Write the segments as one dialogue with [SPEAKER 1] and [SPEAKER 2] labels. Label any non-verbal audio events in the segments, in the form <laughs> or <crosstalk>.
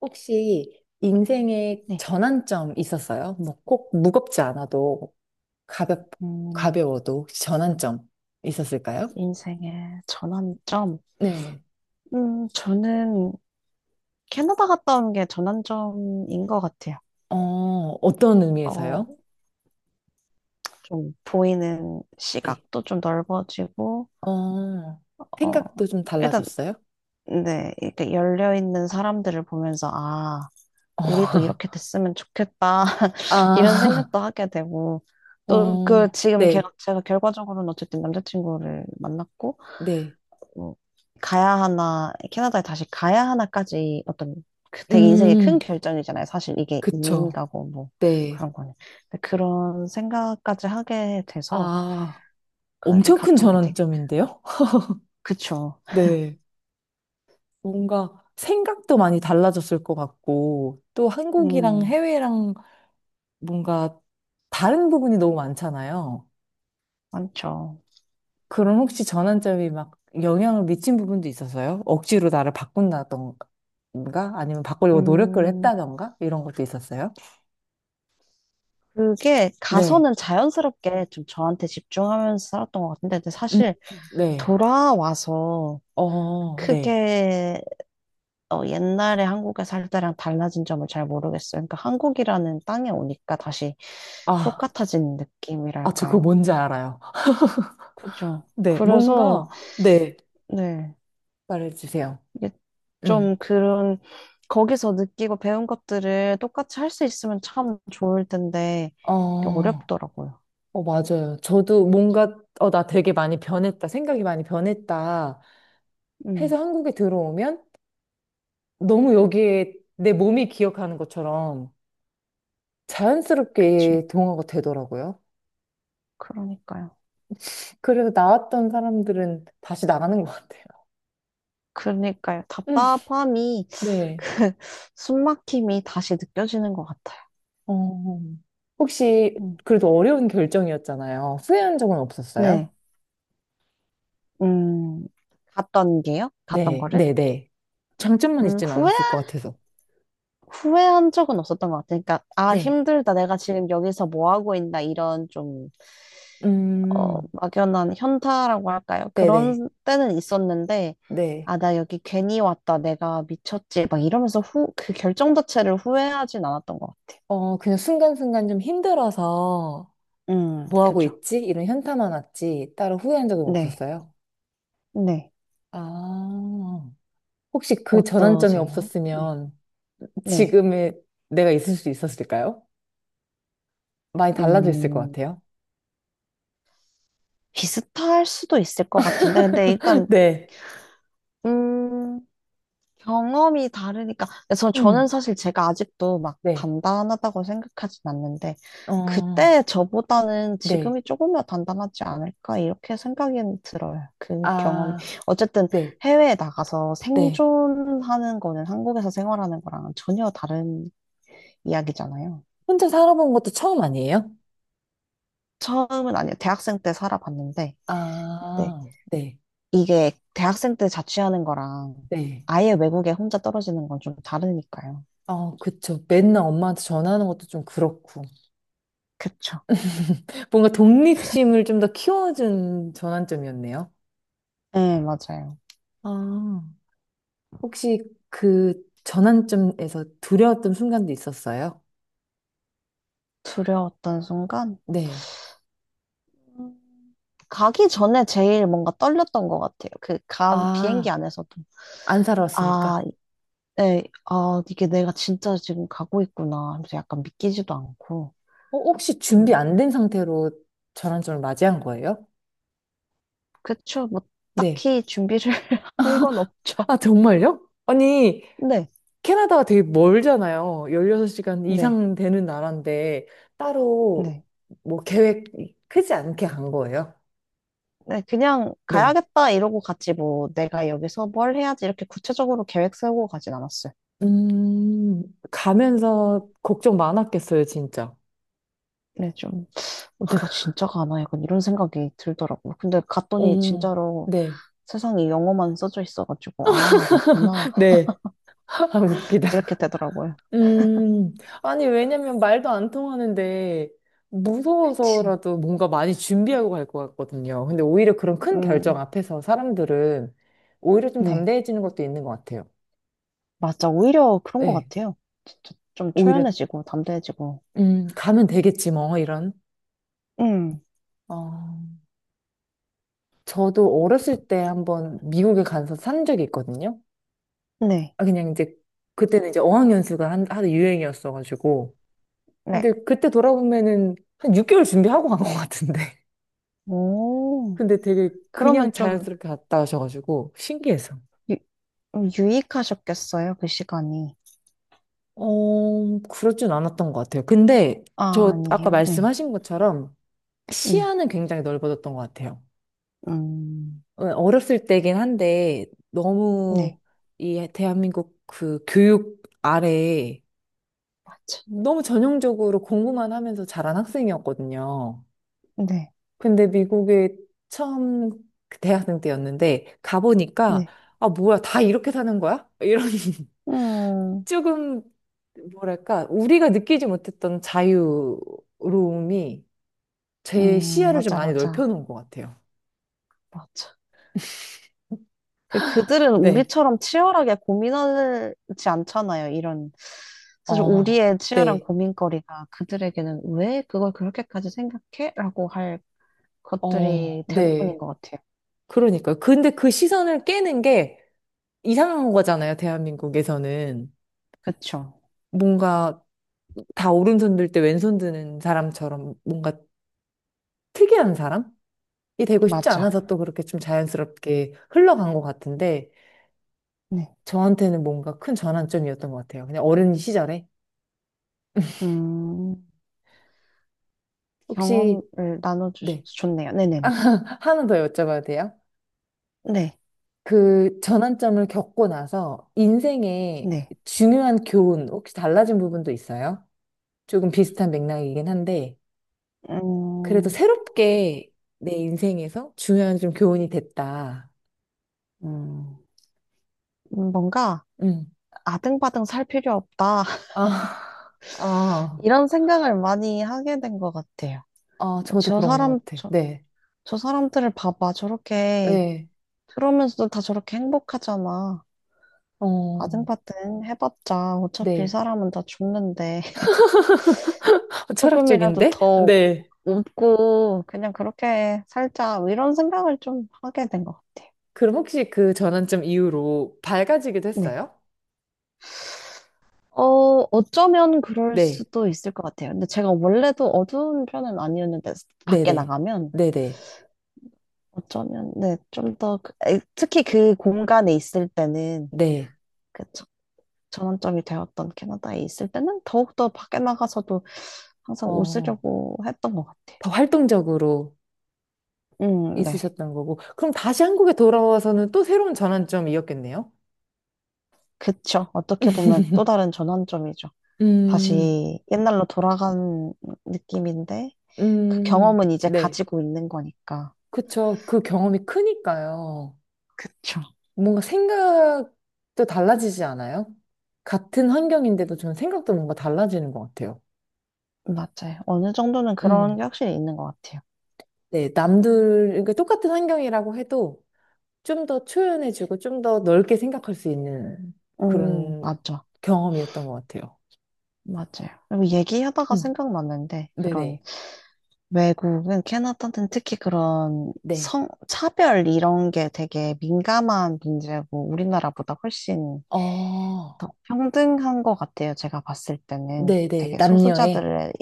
[SPEAKER 1] 혹시 인생의
[SPEAKER 2] 네.
[SPEAKER 1] 전환점 있었어요? 뭐 꼭 무겁지 않아도 가볍,
[SPEAKER 2] 음,
[SPEAKER 1] 가벼워도 혹시 전환점 있었을까요?
[SPEAKER 2] 인생의 전환점.
[SPEAKER 1] 네.
[SPEAKER 2] 저는 캐나다 갔다 온 게 전환점인 것 같아요.
[SPEAKER 1] 어, 어떤 의미에서요?
[SPEAKER 2] 어, 좀 보이는
[SPEAKER 1] 네.
[SPEAKER 2] 시각도 좀 넓어지고,
[SPEAKER 1] 어,
[SPEAKER 2] 어,
[SPEAKER 1] 생각도 좀
[SPEAKER 2] 일단,
[SPEAKER 1] 달라졌어요?
[SPEAKER 2] 네, 이렇게 열려있는 사람들을 보면서, 아,
[SPEAKER 1] 어,
[SPEAKER 2] 우리도 이렇게
[SPEAKER 1] <laughs>
[SPEAKER 2] 됐으면 좋겠다. <laughs> 이런
[SPEAKER 1] 아,
[SPEAKER 2] 생각도
[SPEAKER 1] <laughs>
[SPEAKER 2] 하게 되고, 또 그
[SPEAKER 1] 어,
[SPEAKER 2] 지금 걔가,
[SPEAKER 1] 네,
[SPEAKER 2] 제가 결과적으로는 어쨌든 남자친구를 만났고,
[SPEAKER 1] 네.
[SPEAKER 2] 뭐 가야 하나, 캐나다에 다시 가야 하나까지 어떤 그 되게 인생의 큰
[SPEAKER 1] 음,
[SPEAKER 2] 결정이잖아요. 사실 이게 이민
[SPEAKER 1] 그쵸.
[SPEAKER 2] 가고 뭐
[SPEAKER 1] 네.
[SPEAKER 2] 그런 거는. 근데 그런 생각까지 하게 돼서
[SPEAKER 1] 아,
[SPEAKER 2] 거기
[SPEAKER 1] 엄청 큰
[SPEAKER 2] 갔던 게 되게,
[SPEAKER 1] 전환점인데요? <laughs>
[SPEAKER 2] 그쵸.
[SPEAKER 1] 네. 뭔가 생각도 많이 달라졌을 것 같고, 또 한국이랑
[SPEAKER 2] 음,
[SPEAKER 1] 해외랑 뭔가 다른 부분이 너무 많잖아요.
[SPEAKER 2] 많죠.
[SPEAKER 1] 그럼 혹시 전환점이 막 영향을 미친 부분도 있었어요? 억지로 나를 바꾼다던가, 아니면 바꾸려고 노력을
[SPEAKER 2] 음,
[SPEAKER 1] 했다던가, 이런 것도 있었어요?
[SPEAKER 2] 그게
[SPEAKER 1] 네.
[SPEAKER 2] 가서는 자연스럽게 좀 저한테 집중하면서 살았던 것 같은데, 근데
[SPEAKER 1] 음,
[SPEAKER 2] 사실
[SPEAKER 1] 네.
[SPEAKER 2] 돌아와서
[SPEAKER 1] 어, 네.
[SPEAKER 2] 크게 옛날에 한국에 살 때랑 달라진 점을 잘 모르겠어요. 그러니까 한국이라는 땅에 오니까 다시
[SPEAKER 1] 아,
[SPEAKER 2] 똑같아진
[SPEAKER 1] 아, 저 그거
[SPEAKER 2] 느낌이랄까요?
[SPEAKER 1] 뭔지 알아요.
[SPEAKER 2] 그죠.
[SPEAKER 1] 네.
[SPEAKER 2] 그래서,
[SPEAKER 1] 뭔가, 네.
[SPEAKER 2] 네.
[SPEAKER 1] 말해주세요.
[SPEAKER 2] 이게
[SPEAKER 1] 음.
[SPEAKER 2] 좀 그런, 거기서 느끼고 배운 것들을 똑같이 할 수 있으면 참 좋을 텐데, 이게
[SPEAKER 1] 어.
[SPEAKER 2] 어렵더라고요.
[SPEAKER 1] 맞아요. 저도 뭔가, 나 되게 많이 변했다. 생각이 많이 변했다. 해서
[SPEAKER 2] 음,
[SPEAKER 1] 한국에 들어오면 너무 여기에 내 몸이 기억하는 것처럼
[SPEAKER 2] 그쵸.
[SPEAKER 1] 자연스럽게 동화가 되더라고요.
[SPEAKER 2] 그러니까요.
[SPEAKER 1] 그래서 나왔던 사람들은 다시 나가는 것 같아요.
[SPEAKER 2] 그러니까요.
[SPEAKER 1] 음,
[SPEAKER 2] 답답함이, <laughs>
[SPEAKER 1] 네.
[SPEAKER 2] 그, 숨막힘이 다시 느껴지는 것 같아요.
[SPEAKER 1] 어, 혹시
[SPEAKER 2] 음.
[SPEAKER 1] 그래도 어려운 결정이었잖아요. 후회한 적은
[SPEAKER 2] 네.
[SPEAKER 1] 없었어요?
[SPEAKER 2] 음, 갔던 게요? 갔던
[SPEAKER 1] 네,
[SPEAKER 2] 거를?
[SPEAKER 1] 네, 네. 장점만 있진
[SPEAKER 2] 후회,
[SPEAKER 1] 않았을 것 같아서.
[SPEAKER 2] 후회한 적은 없었던 것 같아요. 그러니까, 아,
[SPEAKER 1] 네.
[SPEAKER 2] 힘들다. 내가 지금 여기서 뭐 하고 있나. 이런 좀,
[SPEAKER 1] 음,
[SPEAKER 2] 막연한 현타라고 할까요?
[SPEAKER 1] 네네.
[SPEAKER 2] 그런 때는 있었는데,
[SPEAKER 1] 네.
[SPEAKER 2] 아, 나 여기 괜히 왔다. 내가 미쳤지. 막 이러면서 그 결정 자체를 후회하진 않았던 것 같아요.
[SPEAKER 1] 그냥 순간순간 좀 힘들어서 뭐 하고
[SPEAKER 2] 그죠.
[SPEAKER 1] 있지? 이런 현타만 왔지. 따로 후회한 적은
[SPEAKER 2] 네.
[SPEAKER 1] 없었어요.
[SPEAKER 2] 네.
[SPEAKER 1] 아, 혹시 그 전환점이
[SPEAKER 2] 어떠세요? 네.
[SPEAKER 1] 없었으면
[SPEAKER 2] 네.
[SPEAKER 1] 지금의 내가 있을 수 있었을까요? 많이 달라져 있을 것
[SPEAKER 2] 음,
[SPEAKER 1] 같아요.
[SPEAKER 2] 비슷할 수도 있을 것 같은데. 근데
[SPEAKER 1] <laughs>
[SPEAKER 2] 일단,
[SPEAKER 1] 네.
[SPEAKER 2] 음, 경험이 다르니까. 그래서 저는
[SPEAKER 1] 음,
[SPEAKER 2] 사실 제가 아직도 막
[SPEAKER 1] 네.
[SPEAKER 2] 단단하다고 생각하진 않는데,
[SPEAKER 1] 어,
[SPEAKER 2] 그때 저보다는
[SPEAKER 1] 네.
[SPEAKER 2] 지금이 조금 더 단단하지 않을까, 이렇게 생각이 들어요. 그 경험.
[SPEAKER 1] 아,
[SPEAKER 2] 어쨌든
[SPEAKER 1] 네.
[SPEAKER 2] 해외에 나가서
[SPEAKER 1] 네.
[SPEAKER 2] 생존하는 거는 한국에서 생활하는 거랑은 전혀 다른 이야기잖아요.
[SPEAKER 1] 혼자 살아본 것도 처음 아니에요?
[SPEAKER 2] 처음은 아니에요. 대학생 때 살아봤는데, 네.
[SPEAKER 1] 아, 네.
[SPEAKER 2] 이게 대학생 때 자취하는 거랑
[SPEAKER 1] 네.
[SPEAKER 2] 아예 외국에 혼자 떨어지는 건 좀 다르니까요.
[SPEAKER 1] 어, 그쵸. 맨날 엄마한테 전화하는 것도 좀 그렇고.
[SPEAKER 2] 그쵸.
[SPEAKER 1] 뭔가 독립심을 좀 더 키워준 전환점이었네요.
[SPEAKER 2] 네, 맞아요.
[SPEAKER 1] 아, 혹시 그 전환점에서 두려웠던 순간도 있었어요?
[SPEAKER 2] 두려웠던 순간?
[SPEAKER 1] 네.
[SPEAKER 2] 음, 가기 전에 제일 뭔가 떨렸던 것 같아요. 그, 간 비행기
[SPEAKER 1] 아,
[SPEAKER 2] 안에서도.
[SPEAKER 1] 안
[SPEAKER 2] 아,
[SPEAKER 1] 살아왔으니까.
[SPEAKER 2] 네, 아, 이게 내가 진짜 지금 가고 있구나 하면서 약간 믿기지도 않고.
[SPEAKER 1] 어, 혹시
[SPEAKER 2] 좀,
[SPEAKER 1] 준비 안 된 상태로 전환점을 맞이한 거예요?
[SPEAKER 2] 그쵸. 뭐,
[SPEAKER 1] 네.
[SPEAKER 2] 딱히 준비를 <laughs> 한 건 없죠.
[SPEAKER 1] 아, 정말요? 아니,
[SPEAKER 2] 네,
[SPEAKER 1] 캐나다가 되게 멀잖아요. 16시간
[SPEAKER 2] 네,
[SPEAKER 1] 이상 되는 나라인데, 따로
[SPEAKER 2] 네.
[SPEAKER 1] 뭐 계획 크지 않게 간 거예요?
[SPEAKER 2] 네, 그냥
[SPEAKER 1] 네.
[SPEAKER 2] 가야겠다 이러고 갔지 뭐 내가 여기서 뭘 해야지 이렇게 구체적으로 계획 세우고 가진 않았어요.
[SPEAKER 1] 음, 가면서 걱정 많았겠어요, 진짜.
[SPEAKER 2] 네, 좀 내가 진짜 가나 약간 이런 생각이 들더라고요. 근데 갔더니
[SPEAKER 1] 어,
[SPEAKER 2] 진짜로
[SPEAKER 1] 네.
[SPEAKER 2] 세상에 영어만 써져 있어가지고, 아, 맞구나.
[SPEAKER 1] <laughs> 네. <laughs> 아, 웃기다.
[SPEAKER 2] 이렇게 되더라고요.
[SPEAKER 1] 음, 아니, 왜냐면 말도 안 통하는데,
[SPEAKER 2] 그치.
[SPEAKER 1] 무서워서라도 뭔가 많이 준비하고 갈 것 같거든요. 근데 오히려 그런 큰 결정
[SPEAKER 2] 음,
[SPEAKER 1] 앞에서 사람들은 오히려 좀
[SPEAKER 2] 네.
[SPEAKER 1] 담대해지는 것도 있는 것 같아요.
[SPEAKER 2] 맞아. 오히려 그런 것
[SPEAKER 1] 네.
[SPEAKER 2] 같아요. 진짜 좀
[SPEAKER 1] 오히려,
[SPEAKER 2] 초연해지고, 담대해지고.
[SPEAKER 1] 가면 되겠지, 뭐, 이런.
[SPEAKER 2] 음,
[SPEAKER 1] 어, 저도 어렸을 때 한번 미국에 가서 산 적이 있거든요.
[SPEAKER 2] 네.
[SPEAKER 1] 아, 그냥 이제 그때는 이제 어학연수가 하도 유행이었어가지고.
[SPEAKER 2] 네.
[SPEAKER 1] 근데 그때 돌아보면은 한 6개월 준비하고 간 것 같은데. <laughs>
[SPEAKER 2] 오,
[SPEAKER 1] 근데 되게
[SPEAKER 2] 그러면
[SPEAKER 1] 그냥
[SPEAKER 2] 좀
[SPEAKER 1] 자연스럽게 갔다 오셔가지고 신기해서.
[SPEAKER 2] 유, 유익하셨겠어요, 그 시간이.
[SPEAKER 1] 그렇진 않았던 것 같아요. 근데
[SPEAKER 2] 아,
[SPEAKER 1] 저 아까
[SPEAKER 2] 아니에요. 네.
[SPEAKER 1] 말씀하신 것처럼
[SPEAKER 2] 네.
[SPEAKER 1] 시야는 굉장히 넓어졌던 것 같아요.
[SPEAKER 2] 음,
[SPEAKER 1] 어, 어렸을 때긴 한데 너무
[SPEAKER 2] 네.
[SPEAKER 1] 이 대한민국 그 교육 아래
[SPEAKER 2] 맞아.
[SPEAKER 1] 너무 전형적으로 공부만 하면서 자란 학생이었거든요.
[SPEAKER 2] 네.
[SPEAKER 1] 근데 미국에 처음 그 대학생 때였는데 가보니까
[SPEAKER 2] 네.
[SPEAKER 1] 아 뭐야 다 이렇게 사는 거야? 이런 <laughs>
[SPEAKER 2] 음,
[SPEAKER 1] 조금 뭐랄까 우리가 느끼지 못했던 자유로움이 제 시야를 좀
[SPEAKER 2] 맞아,
[SPEAKER 1] 많이
[SPEAKER 2] 맞아.
[SPEAKER 1] 넓혀놓은 것 같아요.
[SPEAKER 2] 맞아. 그들은
[SPEAKER 1] 네.
[SPEAKER 2] 우리처럼 치열하게 고민하지 않잖아요. 이런 사실
[SPEAKER 1] 어,
[SPEAKER 2] 우리의 치열한
[SPEAKER 1] 네,
[SPEAKER 2] 고민거리가 그들에게는 왜 그걸 그렇게까지 생각해? 라고 할
[SPEAKER 1] 어,
[SPEAKER 2] 것들이 대부분인
[SPEAKER 1] 네.
[SPEAKER 2] 것 같아요.
[SPEAKER 1] 그러니까요. 근데 그 시선을 깨는 게 이상한 거잖아요, 대한민국에서는.
[SPEAKER 2] 그쵸?
[SPEAKER 1] 뭔가 다 오른손 들 때 왼손 드는 사람처럼 뭔가 특이한 사람? 이 되고 싶지
[SPEAKER 2] 맞아.
[SPEAKER 1] 않아서 또 그렇게 좀 자연스럽게 흘러간 것 같은데
[SPEAKER 2] 네.
[SPEAKER 1] 저한테는 뭔가 큰 전환점이었던 것 같아요. 그냥 어린 시절에
[SPEAKER 2] 음,
[SPEAKER 1] 혹시
[SPEAKER 2] 경험을 나눠주셔서
[SPEAKER 1] 네
[SPEAKER 2] 좋네요. 네네네.
[SPEAKER 1] <laughs> 하나 더 여쭤봐도 돼요?
[SPEAKER 2] 네.
[SPEAKER 1] 그 전환점을 겪고 나서 인생의
[SPEAKER 2] 네.
[SPEAKER 1] 중요한 교훈 혹시 달라진 부분도 있어요? 조금 비슷한 맥락이긴 한데 그래도
[SPEAKER 2] 음,
[SPEAKER 1] 새롭게 내 인생에서 중요한 좀 교훈이 됐다.
[SPEAKER 2] 음, 뭔가
[SPEAKER 1] 음.
[SPEAKER 2] 아등바등 살 필요 없다. <laughs>
[SPEAKER 1] 아, 아,
[SPEAKER 2] 이런 생각을 많이 하게 된 것 같아요.
[SPEAKER 1] 아, 저도
[SPEAKER 2] 저
[SPEAKER 1] 그런
[SPEAKER 2] 사람,
[SPEAKER 1] 것 같아. 네,
[SPEAKER 2] 저 사람들을 봐봐. 저렇게,
[SPEAKER 1] 네,
[SPEAKER 2] 그러면서도 다 저렇게 행복하잖아.
[SPEAKER 1] 어,
[SPEAKER 2] 아등바등 해봤자 어차피
[SPEAKER 1] 네.
[SPEAKER 2] 사람은 다 죽는데 <laughs>
[SPEAKER 1] 어,
[SPEAKER 2] 조금이라도
[SPEAKER 1] 철학적인데?
[SPEAKER 2] 더
[SPEAKER 1] 네.
[SPEAKER 2] 웃고 그냥 그렇게 살자. 뭐 이런 생각을 좀 하게 된 것 같아요.
[SPEAKER 1] 그럼 혹시 그 전환점 이후로 밝아지기도
[SPEAKER 2] 네.
[SPEAKER 1] 했어요?
[SPEAKER 2] 어, 어쩌면 그럴
[SPEAKER 1] 네.
[SPEAKER 2] 수도 있을 것 같아요. 근데 제가 원래도 어두운 편은 아니었는데 밖에
[SPEAKER 1] 네네.
[SPEAKER 2] 나가면
[SPEAKER 1] 네네.
[SPEAKER 2] 어쩌면 네, 좀 더 에, 특히 그 공간에 있을 때는
[SPEAKER 1] 네.
[SPEAKER 2] 그쵸. 전환점이 되었던 캐나다에 있을 때는 더욱더 밖에 나가서도 항상
[SPEAKER 1] 어,
[SPEAKER 2] 웃으려고 했던 것 같아.
[SPEAKER 1] 더 활동적으로
[SPEAKER 2] 네.
[SPEAKER 1] 있으셨던 거고. 그럼 다시 한국에 돌아와서는 또 새로운 전환점이었겠네요?
[SPEAKER 2] 그쵸. 어떻게 보면 또 다른 전환점이죠.
[SPEAKER 1] 음,
[SPEAKER 2] 다시 옛날로 돌아간 느낌인데, 그 경험은 이제
[SPEAKER 1] 네.
[SPEAKER 2] 가지고 있는 거니까.
[SPEAKER 1] 그쵸. 그 경험이 크니까요.
[SPEAKER 2] 그쵸.
[SPEAKER 1] 뭔가 생각도 달라지지 않아요? 같은 환경인데도 저는 생각도 뭔가 달라지는 것 같아요.
[SPEAKER 2] 맞아요. 어느 정도는 그런
[SPEAKER 1] 음.
[SPEAKER 2] 게 확실히 있는 것 같아요.
[SPEAKER 1] 네, 남들, 그러니까 똑같은 환경이라고 해도 좀 더 초연해지고 좀 더 넓게 생각할 수 있는 그런
[SPEAKER 2] 맞죠.
[SPEAKER 1] 경험이었던 것 같아요.
[SPEAKER 2] 맞아요. 그리고 얘기하다가
[SPEAKER 1] 음,
[SPEAKER 2] 생각났는데, 그런
[SPEAKER 1] 네네.
[SPEAKER 2] 외국은 캐나다는 특히 그런
[SPEAKER 1] 네.
[SPEAKER 2] 성, 차별 이런 게 되게 민감한 문제고 우리나라보다 훨씬
[SPEAKER 1] 어,
[SPEAKER 2] 더 평등한 것 같아요. 제가 봤을 때는
[SPEAKER 1] 네네.
[SPEAKER 2] 되게
[SPEAKER 1] 남녀의.
[SPEAKER 2] 소수자들의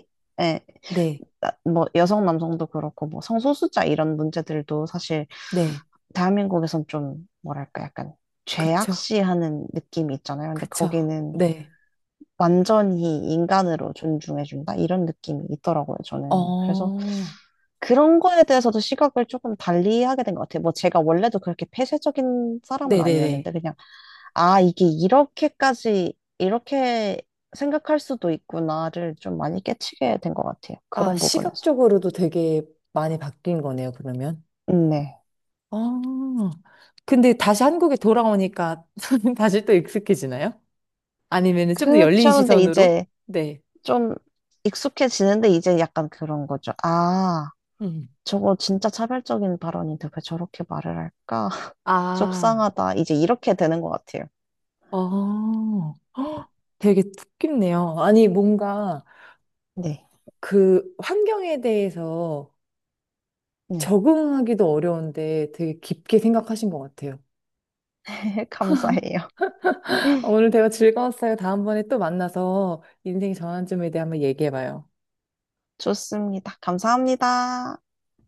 [SPEAKER 2] 에,
[SPEAKER 1] 네.
[SPEAKER 2] 뭐 여성 남성도 그렇고 뭐 성소수자 이런 문제들도 사실
[SPEAKER 1] 네.
[SPEAKER 2] 대한민국에선 좀 뭐랄까 약간
[SPEAKER 1] 그쵸.
[SPEAKER 2] 죄악시하는 느낌이 있잖아요. 근데
[SPEAKER 1] 그쵸.
[SPEAKER 2] 거기는
[SPEAKER 1] 네.
[SPEAKER 2] 완전히 인간으로 존중해준다 이런 느낌이 있더라고요. 저는 그래서
[SPEAKER 1] 어,
[SPEAKER 2] 그런 거에 대해서도 시각을 조금 달리 하게 된 것 같아요. 뭐 제가 원래도 그렇게 폐쇄적인 사람은
[SPEAKER 1] 네네네.
[SPEAKER 2] 아니었는데 그냥 아 이게 이렇게까지 이렇게 생각할 수도 있구나를 좀 많이 깨치게 된 것 같아요.
[SPEAKER 1] 아,
[SPEAKER 2] 그런 부분에서.
[SPEAKER 1] 시각적으로도 되게 많이 바뀐 거네요, 그러면.
[SPEAKER 2] 네.
[SPEAKER 1] 아, 근데 다시 한국에 돌아오니까 <laughs> 다시 또 익숙해지나요? 아니면은 좀 더 열린
[SPEAKER 2] 그렇죠. 근데
[SPEAKER 1] 시선으로?
[SPEAKER 2] 이제
[SPEAKER 1] 네.
[SPEAKER 2] 좀 익숙해지는데 이제 약간 그런 거죠. 아
[SPEAKER 1] 음.
[SPEAKER 2] 저거 진짜 차별적인 발언인데 왜 저렇게 말을 할까? <laughs>
[SPEAKER 1] 아,
[SPEAKER 2] 속상하다. 이제 이렇게 되는 것 같아요.
[SPEAKER 1] 어, 헉, 되게 뜻깊네요. 아니, 뭔가
[SPEAKER 2] 네.
[SPEAKER 1] 그 환경에 대해서
[SPEAKER 2] 네.
[SPEAKER 1] 적응하기도 어려운데 되게 깊게 생각하신 것 같아요.
[SPEAKER 2] <laughs> 감사해요.
[SPEAKER 1] 오늘 대화 즐거웠어요. 다음번에 또 만나서 인생 전환점에 대해 한번 얘기해봐요.
[SPEAKER 2] 좋습니다. 감사합니다.